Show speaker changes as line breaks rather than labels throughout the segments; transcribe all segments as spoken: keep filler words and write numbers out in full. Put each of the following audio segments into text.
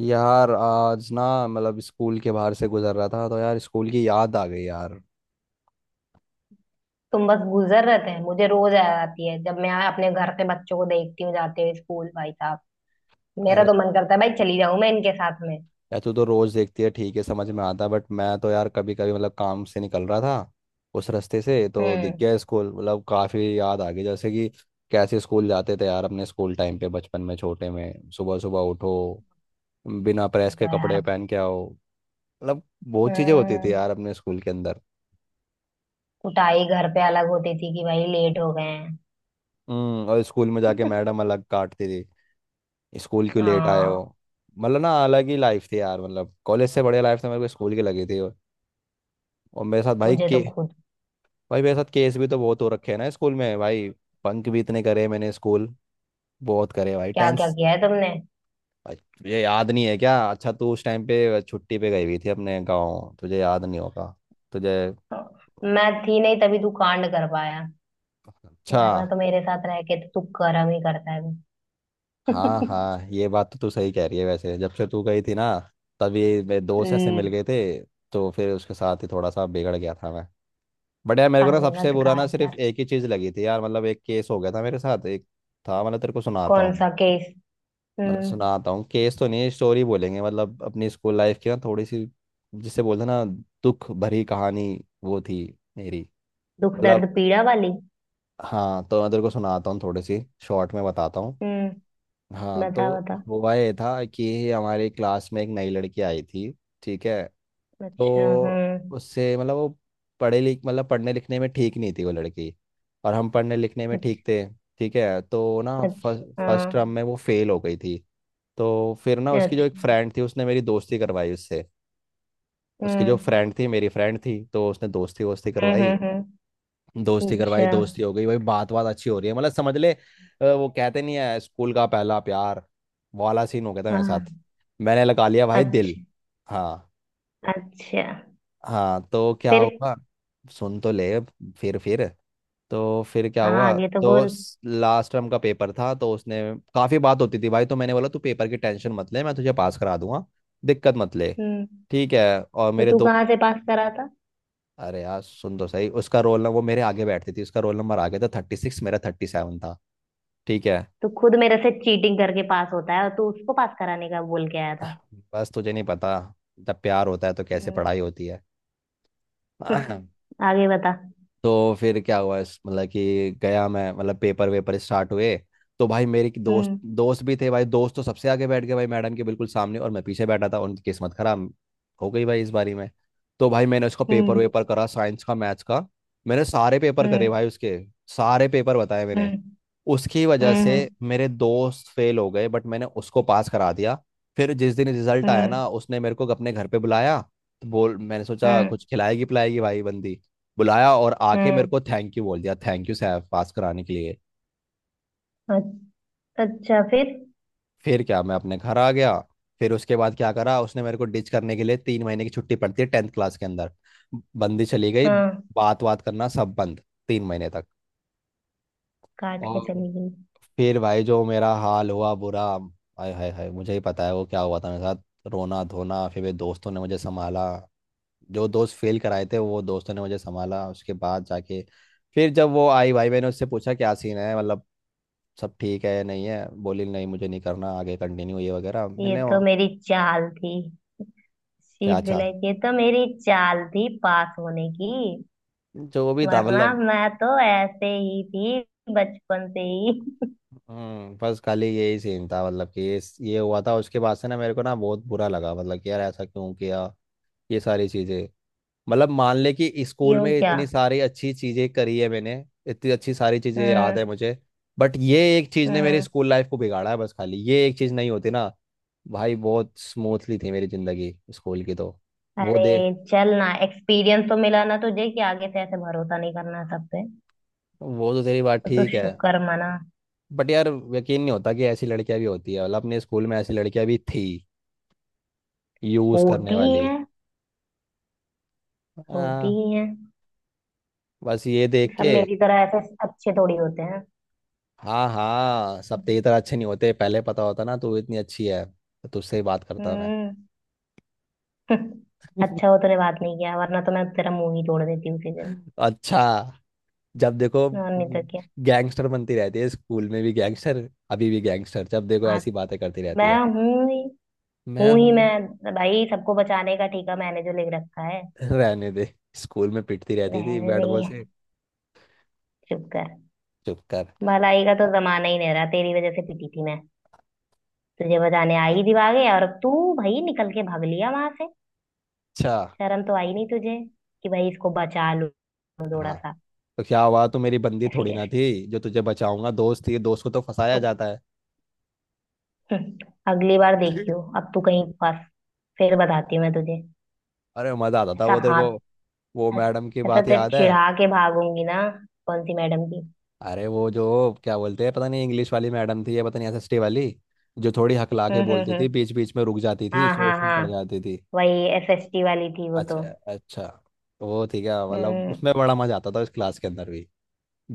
यार आज ना मतलब स्कूल के बाहर से गुजर रहा था तो यार स्कूल की याद आ गई यार।
तुम बस गुजर रहे थे, मुझे रोज याद आती है जब मैं अपने घर से बच्चों को देखती हूँ जाते हुए स्कूल, भाई साहब। मेरा
अरे
तो मन करता है भाई चली जाऊं मैं इनके साथ में।
यार तू तो रोज देखती है, ठीक है समझ में आता है, बट मैं तो यार कभी कभी मतलब काम से निकल रहा था, उस रास्ते से तो दिख
हम्म।
गया स्कूल, मतलब काफी याद आ गई, जैसे कि कैसे स्कूल जाते थे यार अपने स्कूल टाइम पे, बचपन में, छोटे में, सुबह सुबह उठो, बिना
वो
प्रेस के
तो
कपड़े
यार।
पहन के आओ, मतलब बहुत चीजें होती थी
हम्म।
यार अपने स्कूल के अंदर।
कुटाई घर पे अलग होती थी कि भाई लेट हो गए हैं।
हम्म और स्कूल में जाके मैडम अलग काटती थी, स्कूल क्यों लेट आए हो।
हाँ।
मतलब ना अलग ही लाइफ थी यार, मतलब कॉलेज से बढ़िया लाइफ तो मेरे को स्कूल की लगी थी। और, और मेरे साथ भाई
मुझे तो
के,
खुद।
भाई मेरे साथ केस भी तो बहुत हो रखे हैं ना स्कूल में। भाई बंक भी इतने करे मैंने स्कूल, बहुत करे भाई
क्या क्या
टेंस।
किया है तुमने?
भाई तुझे याद नहीं है क्या? अच्छा तू उस टाइम पे छुट्टी पे गई हुई थी अपने गाँव, तुझे याद नहीं होगा तुझे।
मैं थी नहीं तभी तू कांड कर पाया।
अच्छा।
वरना तो मेरे साथ रह के तो तू कर्म ही करता है।
हाँ हाँ, ये बात तो तू सही कह रही है। वैसे जब से तू गई थी ना, तभी मेरे दोस्त ऐसे
हम्म,
मिल गए थे, तो फिर उसके साथ ही थोड़ा सा बिगड़ गया था मैं। बट यार मेरे को ना सबसे
संगत का
बुरा ना सिर्फ
असर।
एक ही चीज लगी थी यार, मतलब एक केस हो गया था मेरे साथ, एक था मतलब तेरे को सुनाता
कौन
हूँ।
सा केस?
मतलब
हम्म।
सुनाता हूँ, केस तो नहीं स्टोरी बोलेंगे, मतलब अपनी स्कूल लाइफ की ना थोड़ी सी, जिसे बोलते हैं ना दुख भरी कहानी, वो थी मेरी
दुख दर्द
मतलब।
पीड़ा वाली।
हाँ तो मैं तेरे को सुनाता हूँ थोड़ी सी, शॉर्ट में बताता हूँ।
हम्म।
हाँ तो
बता बता।
हुआ ये था कि हमारी क्लास में एक नई लड़की आई थी, ठीक है? तो
अच्छा। हम्म।
उससे मतलब वो पढ़े लिख मतलब पढ़ने लिखने में ठीक नहीं थी वो लड़की, और हम पढ़ने लिखने में
अच्छा।
ठीक थे, ठीक है? तो ना
अच्छा।
फर्स्ट टर्म में
हाँ।
वो फेल हो गई थी। तो फिर ना उसकी जो एक
अच्छा।
फ्रेंड थी उसने मेरी दोस्ती करवाई उससे। उसकी जो
हम्म,
फ्रेंड थी मेरी फ्रेंड थी, तो उसने दोस्ती वोस्ती
हम्म,
करवाई,
हम्म। हम्म।
दोस्ती करवाई,
अच्छा।
दोस्ती हो गई भाई। बात बात अच्छी हो रही है, मतलब समझ ले अ, वो कहते नहीं है स्कूल का पहला प्यार, वो वाला सीन हो गया था मेरे साथ।
हाँ।
मैंने लगा लिया भाई दिल।
अच्छा।
हाँ।
अच्छा,
हाँ तो क्या
फिर?
हुआ, सुन तो ले। फिर फिर तो फिर क्या
हाँ,
हुआ,
आगे तो
तो
बोल।
लास्ट टर्म का पेपर था तो उसने, काफ़ी बात होती थी भाई, तो मैंने बोला तू पेपर की टेंशन मत ले, मैं तुझे पास करा दूंगा, दिक्कत मत ले,
हम्म।
ठीक है? और
तो
मेरे
तू
दो,
कहाँ से पास करा था?
अरे यार सुन तो सही, उसका रोल नंबर, वो मेरे आगे बैठती थी, उसका रोल नंबर आगे था थर्टी सिक्स, मेरा थर्टी सेवन था, ठीक है?
तू खुद मेरे से चीटिंग करके पास होता है और तू उसको पास कराने का बोल के आया था।
बस तुझे नहीं पता जब प्यार होता है तो कैसे
हम्म,
पढ़ाई होती है।
हम्म, आगे बता।
तो फिर क्या हुआ, इस- मतलब कि गया मैं, मतलब पेपर वेपर स्टार्ट हुए। तो भाई मेरे की दोस्त
हम्म।
दोस्त भी थे भाई, दोस्त तो सबसे आगे बैठ गए भाई, मैडम के बिल्कुल सामने, और मैं पीछे बैठा था। उनकी किस्मत खराब हो गई भाई इस बारी में। तो भाई मैंने उसका पेपर
हम्म।
वेपर करा, साइंस का, मैथ्स का, मैंने सारे पेपर करे
हम्म।
भाई उसके, सारे पेपर बताए मैंने।
हम्म।
उसकी वजह से
हम्म।
मेरे दोस्त फेल हो गए, बट मैंने उसको पास करा दिया। फिर जिस दिन रिजल्ट आया
हम्म।
ना, उसने मेरे को अपने घर पे बुलाया। तो बोल, मैंने सोचा
हम्म।
कुछ खिलाएगी पिलाएगी भाई बंदी, बुलाया और आके मेरे
हम्म।
को थैंक यू बोल दिया, थैंक यू सैफ पास कराने के लिए।
अ- अच्छा, फिर?
फिर क्या, मैं अपने घर आ गया। फिर उसके बाद क्या करा उसने मेरे को डिच करने के लिए, तीन महीने की छुट्टी पड़ती है टेंथ क्लास के अंदर, बंदी चली गई,
हाँ।
बात बात करना सब बंद, तीन महीने तक।
काट के
और
चली गई।
फिर भाई जो मेरा हाल हुआ बुरा, हाय हाय हाय, मुझे ही पता है वो क्या हुआ था मेरे साथ। रोना धोना, फिर मेरे दोस्तों ने मुझे संभाला, जो दोस्त फेल कराए थे वो दोस्तों ने मुझे संभाला उसके बाद जाके। फिर जब वो आई भाई मैंने उससे पूछा क्या सीन है, मतलब सब ठीक है या नहीं है? बोली नहीं मुझे नहीं करना आगे कंटिन्यू ये वगैरह,
ये
मैंने
तो
वो-
मेरी चाल थी। शी
क्या,
इज
अच्छा,
लाइक, ये तो मेरी चाल थी पास होने की।
जो भी था
वरना
मतलब।
मैं तो ऐसे ही थी। बचपन से ही।
हम्म बस खाली यही सीन था, मतलब कि ये ये हुआ था। उसके बाद से ना मेरे को ना बहुत बुरा लगा, मतलब कि यार ऐसा क्यों किया, ये सारी चीज़ें, मतलब मान ले कि स्कूल
यूं
में
क्या?
इतनी सारी अच्छी चीजें करी है मैंने, इतनी अच्छी सारी चीजें याद है
हम्म।
मुझे, बट ये एक चीज ने मेरी
हम्म।
स्कूल लाइफ को बिगाड़ा है। बस खाली ये एक चीज नहीं होती ना भाई, बहुत स्मूथली थी मेरी जिंदगी स्कूल की तो, वो
अरे!
दे।
चल ना, एक्सपीरियंस तो मिला ना तुझे कि आगे से ऐसे भरोसा नहीं करना सब पे।
वो तो तेरी बात
तो तू
ठीक है,
शुक्र मना।
बट यार यकीन नहीं होता कि ऐसी लड़कियां भी होती है, मतलब अपने स्कूल में ऐसी लड़कियां भी थी यूज करने
होती ही
वाली।
है। होती
हाँ,
ही है।
बस ये देख
सब
के।
मेरी तरह ऐसे अच्छे थोड़ी होते हैं।
हाँ हाँ, सब तेरी तरह अच्छे नहीं होते, पहले पता होता ना तू इतनी अच्छी है तो तुझसे ही बात करता मैं।
हम्म। अच्छा हो तूने बात नहीं किया, वरना तो मैं तेरा मुंह ही तोड़ देती उसी दिन।
अच्छा, जब देखो
और नहीं तो क्या।
गैंगस्टर बनती रहती है, स्कूल में भी गैंगस्टर, अभी भी गैंगस्टर, जब देखो
हाँ।
ऐसी बातें करती रहती
मैं
है।
हूँ ही।
मैं
हूँ
हूँ।
ही मैं। भाई, सबको बचाने का ठेका मैंने जो लिख रखा है।
रहने दे, स्कूल में पिटती रहती थी
रहने
बैट बॉल
नहीं
से।
है। चुप कर।
चुप कर।
भलाई का तो जमाना ही नहीं रहा, तेरी वजह से पिटी थी मैं। तुझे बचाने आई थी भागे और अब तू। भाई निकल के भाग लिया वहां से।
अच्छा।
शर्म तो आई नहीं तुझे कि भाई इसको बचा लूं थोड़ा
हाँ
सा।
तो क्या हुआ, तू मेरी बंदी
कैसे
थोड़ी ना
कैसे?
थी जो तुझे बचाऊंगा, दोस्त थी, दोस्त को तो फंसाया
तो
जाता है।
हम्म, अगली बार देखियो अब तू कहीं फंस। फिर बताती हूँ मैं तुझे।
अरे मजा आता था
ऐसा
वो तेरे को,
हाथ।
वो मैडम की
ऐसा
बात
तेरे
याद है?
चिढ़ा के भागूंगी ना। कौन सी मैडम की?
अरे वो जो क्या बोलते हैं, पता नहीं इंग्लिश वाली मैडम थी या पता नहीं एस एस टी वाली, जो थोड़ी हकला के
हम्म, हम्म,
बोलती थी,
हम्म।
बीच बीच में रुक जाती थी,
हाँ, हाँ,
सोच में पड़
हाँ।
जाती थी।
वही एसएसटी वाली थी वो तो।
अच्छा अच्छा, वो थी क्या, मतलब
हम्म।
उसमें बड़ा मजा आता था इस क्लास के अंदर भी,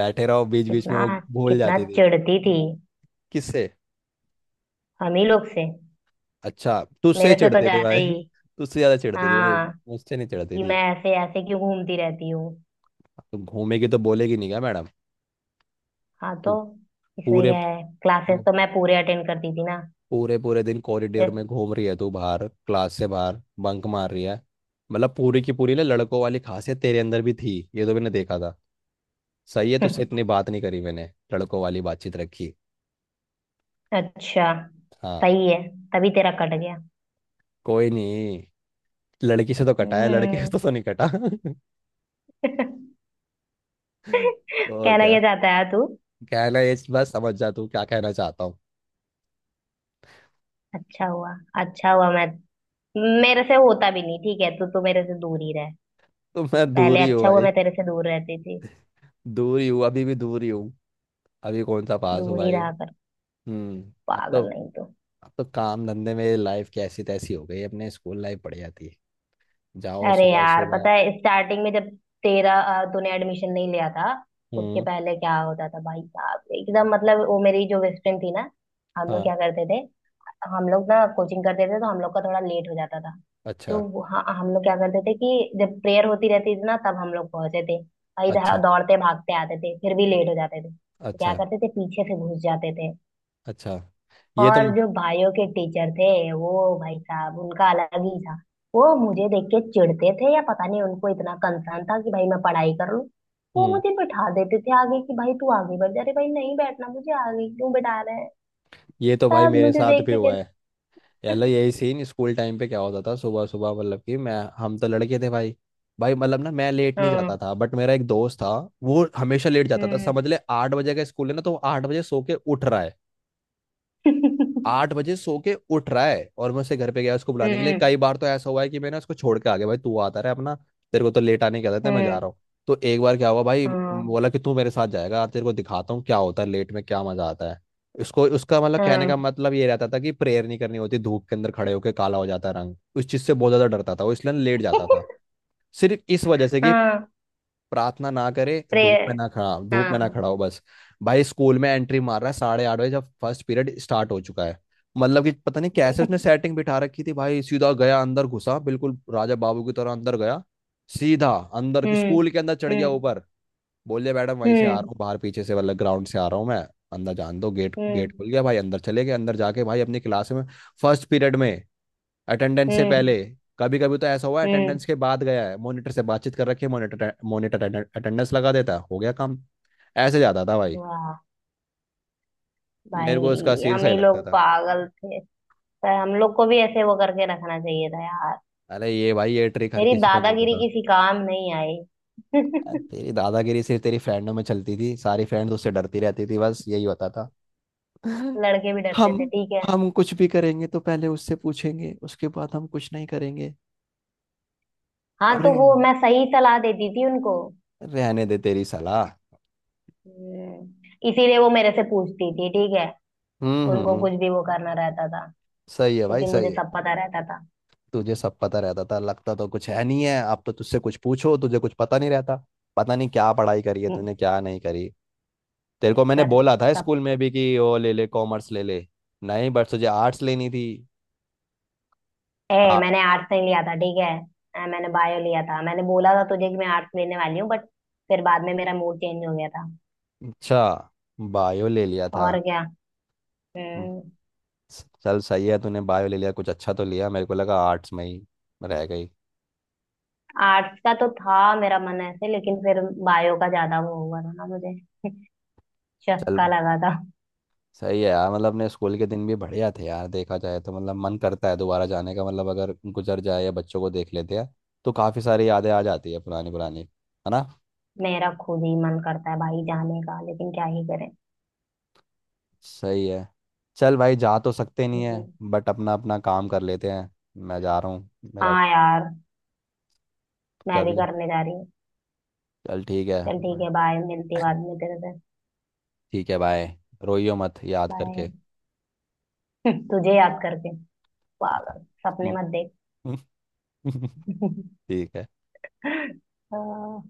बैठे रहो बीच बीच में
कितना।
वो भूल
कितना
जाती थी।
चिढ़ती थी।
किससे?
हम ही लोग से।
अच्छा तुझसे
मेरे से तो
चिढ़ती थी
ज्यादा
भाई।
ही।
तुझसे ज्यादा चिढ़ती थी भाई,
हाँ।
मुझसे नहीं चिढ़ती
कि
थी।
मैं ऐसे ऐसे क्यों घूमती रहती हूँ।
तुम घूमेगी तो बोलेगी नहीं क्या मैडम,
हाँ, तो
पू-
इसमें
पूरे
क्या है, क्लासेस तो मैं पूरे अटेंड करती थी ना।
पूरे पूरे दिन कॉरिडोर
जैस-
में घूम रही है तू, बाहर क्लास से बाहर बंक मार रही है। मतलब पूरी की पूरी ना लड़कों वाली खासियत तेरे अंदर भी थी, ये तो मैंने देखा था, सही है। तुझसे इतनी बात नहीं करी मैंने, लड़कों वाली बातचीत रखी।
अच्छा।
हाँ,
सही है। तभी तेरा कट गया।
कोई नहीं, लड़की से तो कटा है, लड़के से
हम्म।
तो, तो नहीं कटा। और
कहना
क्या
क्या चाहता है तू?
कहना, ये बस समझ जा तू क्या कहना चाहता हूँ।
अच्छा हुआ। अच्छा हुआ मैं। मेरे से होता भी नहीं, ठीक है, तू तो मेरे से दूर ही रह।
तो मैं दूर
पहले
ही हूँ
अच्छा हुआ
भाई,
मैं तेरे से दूर रहती थी।
दूर ही हूँ, अभी भी दूर ही हूँ, अभी कौन सा पास हूँ
दूर ही
भाई।
रहा कर।
हम्म अब तो,
पागल, नहीं तो।
अब तो काम धंधे में लाइफ कैसी तैसी हो गई है, अपने स्कूल लाइफ बढ़िया थी। जाओ
अरे
सुबह
यार, पता
सुबह।
है स्टार्टिंग में जब तेरा अ, तूने एडमिशन नहीं लिया था, उसके
हम्म,
पहले क्या होता था भाई साहब, एकदम, मतलब वो मेरी जो बेस्ट फ्रेंड थी ना, हम लोग
हाँ,
क्या करते थे। हम लोग ना कोचिंग करते थे तो हम लोग का थोड़ा लेट हो जाता था।
अच्छा,
तो वो- हाँ, हम लोग क्या करते थे कि जब प्रेयर होती रहती थी ना तब हम लोग पहुंचे थे। और इधर
अच्छा,
दौड़ते भागते आते थे, फिर भी
अ-
लेट हो जाते थे, तो क्या
अच्छा,
करते थे पीछे से घुस जाते थे।
अच्छा, ये तो
और जो भाइयों के टीचर थे, वो भाई साहब, उनका अलग ही था। वो मुझे देख के चिढ़ते थे या पता नहीं उनको इतना कंसर्न था कि भाई मैं पढ़ाई कर लूं। वो
हम्म
मुझे बैठा देते थे आगे कि भाई तू आगे बढ़ जा, अरे भाई नहीं बैठना मुझे, आगे क्यों बैठा रहे हैं।
ये तो भाई
सब
मेरे
मुझे
साथ
देख
भी
के
हुआ है।
कहते-
यार यही सीन स्कूल टाइम पे क्या होता था, सुबह सुबह मतलब कि मैं हम तो लड़के थे भाई। भाई मतलब ना मैं लेट नहीं
हम्म,
जाता था, बट मेरा एक दोस्त था, वो हमेशा लेट जाता था।
हम्म।
समझ ले आठ बजे का स्कूल है ना, तो वो आठ बजे सो के उठ रहा है, आठ बजे सो के उठ रहा है, और मैं उसे घर पे गया उसको बुलाने के लिए।
हम्म,
कई बार तो ऐसा हुआ है कि मैंने उसको छोड़ के आ गया, भाई तू आता रहे अपना, तेरे को तो लेट आने की आदत है,
हम्म,
मैं जा
हम्म,
रहा हूँ। तो एक बार क्या हुआ, भाई
हाँ,
बोला कि तू मेरे साथ जाएगा, तेरे को दिखाता हूँ क्या होता है, लेट में क्या मजा आता है। उसको उसका मतलब, कहने का
हाँ।
मतलब ये रहता था कि प्रेयर नहीं करनी होती, धूप के अंदर खड़े होके काला हो जाता है रंग, उस चीज से बहुत ज्यादा डरता था वो, इसलिए लेट जाता था। सिर्फ इस वजह से कि
हाँ।
प्रार्थना ना करे, धूप
प्रेयर।
में ना खड़ा,
हाँ,
धूप में ना
हाँ।
खड़ा हो बस। भाई स्कूल में एंट्री मार रहा है साढ़े आठ बजे, जब फर्स्ट पीरियड स्टार्ट हो चुका है। मतलब कि पता नहीं कैसे उसने सेटिंग बिठा रखी थी भाई, सीधा गया अंदर घुसा बिल्कुल राजा बाबू की तरह, अंदर गया सीधा अंदर की,
हम्म,
स्कूल के अंदर चढ़ गया
हम्म,
ऊपर। बोले मैडम वहीं से आ रहा
हम्म।
हूँ, बाहर पीछे से मतलब ग्राउंड से आ रहा हूँ मैं, अंदर जान दो गेट।
हम्म,
गेट खुल गया भाई, अंदर चले गए, अंदर जाके भाई अपनी क्लास में, फर्स्ट पीरियड में, अटेंडेंस से
हम्म,
पहले। कभी कभी तो ऐसा हुआ है
हम्म।
अटेंडेंस के बाद गया है, मॉनिटर से बातचीत कर रखी है, मॉनिटर मॉनिटर अटेंडेंस लगा देता, हो गया काम। ऐसे जाता था भाई।
वाह!
मेरे को इसका
भाई,
सीन
हम
सही
ही लोग
लगता था,
पागल थे। पर हम लोग को भी ऐसे वो करके रखना चाहिए था यार।
अरे ये भाई, ये ट्रिक हर
मेरी
किसी को नहीं
दादागिरी
पता।
किसी काम नहीं आई।
अरे तेरी दादागिरी सिर्फ तेरी फ्रेंडों में चलती थी, सारी फ्रेंड्स उससे डरती रहती थी, बस यही होता था।
लड़के भी डरते थे,
हम
ठीक है।
हम कुछ भी करेंगे तो पहले उससे पूछेंगे, उसके बाद हम कुछ नहीं करेंगे।
हाँ,
अरे
तो वो मैं सही सलाह देती थी उनको।
रहने दे तेरी सलाह।
हम्म। इसीलिए वो मेरे से पूछती थी, ठीक है,
हम्म,
उनको
हम्म,
कुछ भी वो करना रहता था,
सही है भाई
क्योंकि
सही
मुझे
है।
सब पता रहता था।
तुझे सब पता रहता था, लगता तो कुछ है नहीं है, अब तो तुझसे कुछ पूछो तुझे कुछ पता नहीं रहता। पता नहीं क्या पढ़ाई करी है
हम्म।
तूने, क्या नहीं करी। तेरे को
चुप
मैंने
कर।
बोला था स्कूल में भी कि वो ले ले कॉमर्स ले ले, नहीं बट तुझे आर्ट्स लेनी थी।
ए!
हाँ।
मैंने आर्ट्स नहीं लिया था, ठीक है। अ, मैंने बायो लिया था, मैंने बोला था तुझे कि मैं आर्ट्स लेने वाली हूँ, बट फिर बाद में मेरा मूड चेंज हो गया था।
अच्छा, बायो ले लिया था।
और क्या।
हम्म,
हम्म।
चल सही है तूने बायो ले लिया, कुछ अच्छा तो लिया, मेरे को लगा आर्ट्स में ही रह गई।
आर्ट्स का तो था मेरा मन ऐसे, लेकिन फिर बायो का ज्यादा वो हुआ था ना मुझे।
चल
चक्का लगा था।
सही है यार, मतलब अपने स्कूल के दिन भी बढ़िया थे यार देखा जाए तो, मतलब मन करता है दोबारा जाने का, मतलब अगर गुजर जाए या बच्चों को देख लेते हैं तो काफ़ी सारी यादें आ जाती है पुरानी पुरानी, है ना?
मेरा खुद ही मन करता है भाई जाने का, लेकिन क्या ही करें।
सही है, चल भाई जा तो सकते नहीं है,
हम्म।
बट अपना अपना काम कर लेते हैं। मैं जा रहा हूँ, मेरा,
हाँ यार। मैं
कर
भी
ले,
करने जा रही हूँ।
चल ठीक है।
चल ठीक है, बाय, मिलती बाद में तेरे से।
ठीक है बाय, रोइयो मत याद
बाय।
करके।
तुझे याद करके? पागल! सपने मत देख।
ठीक है।
हाँ।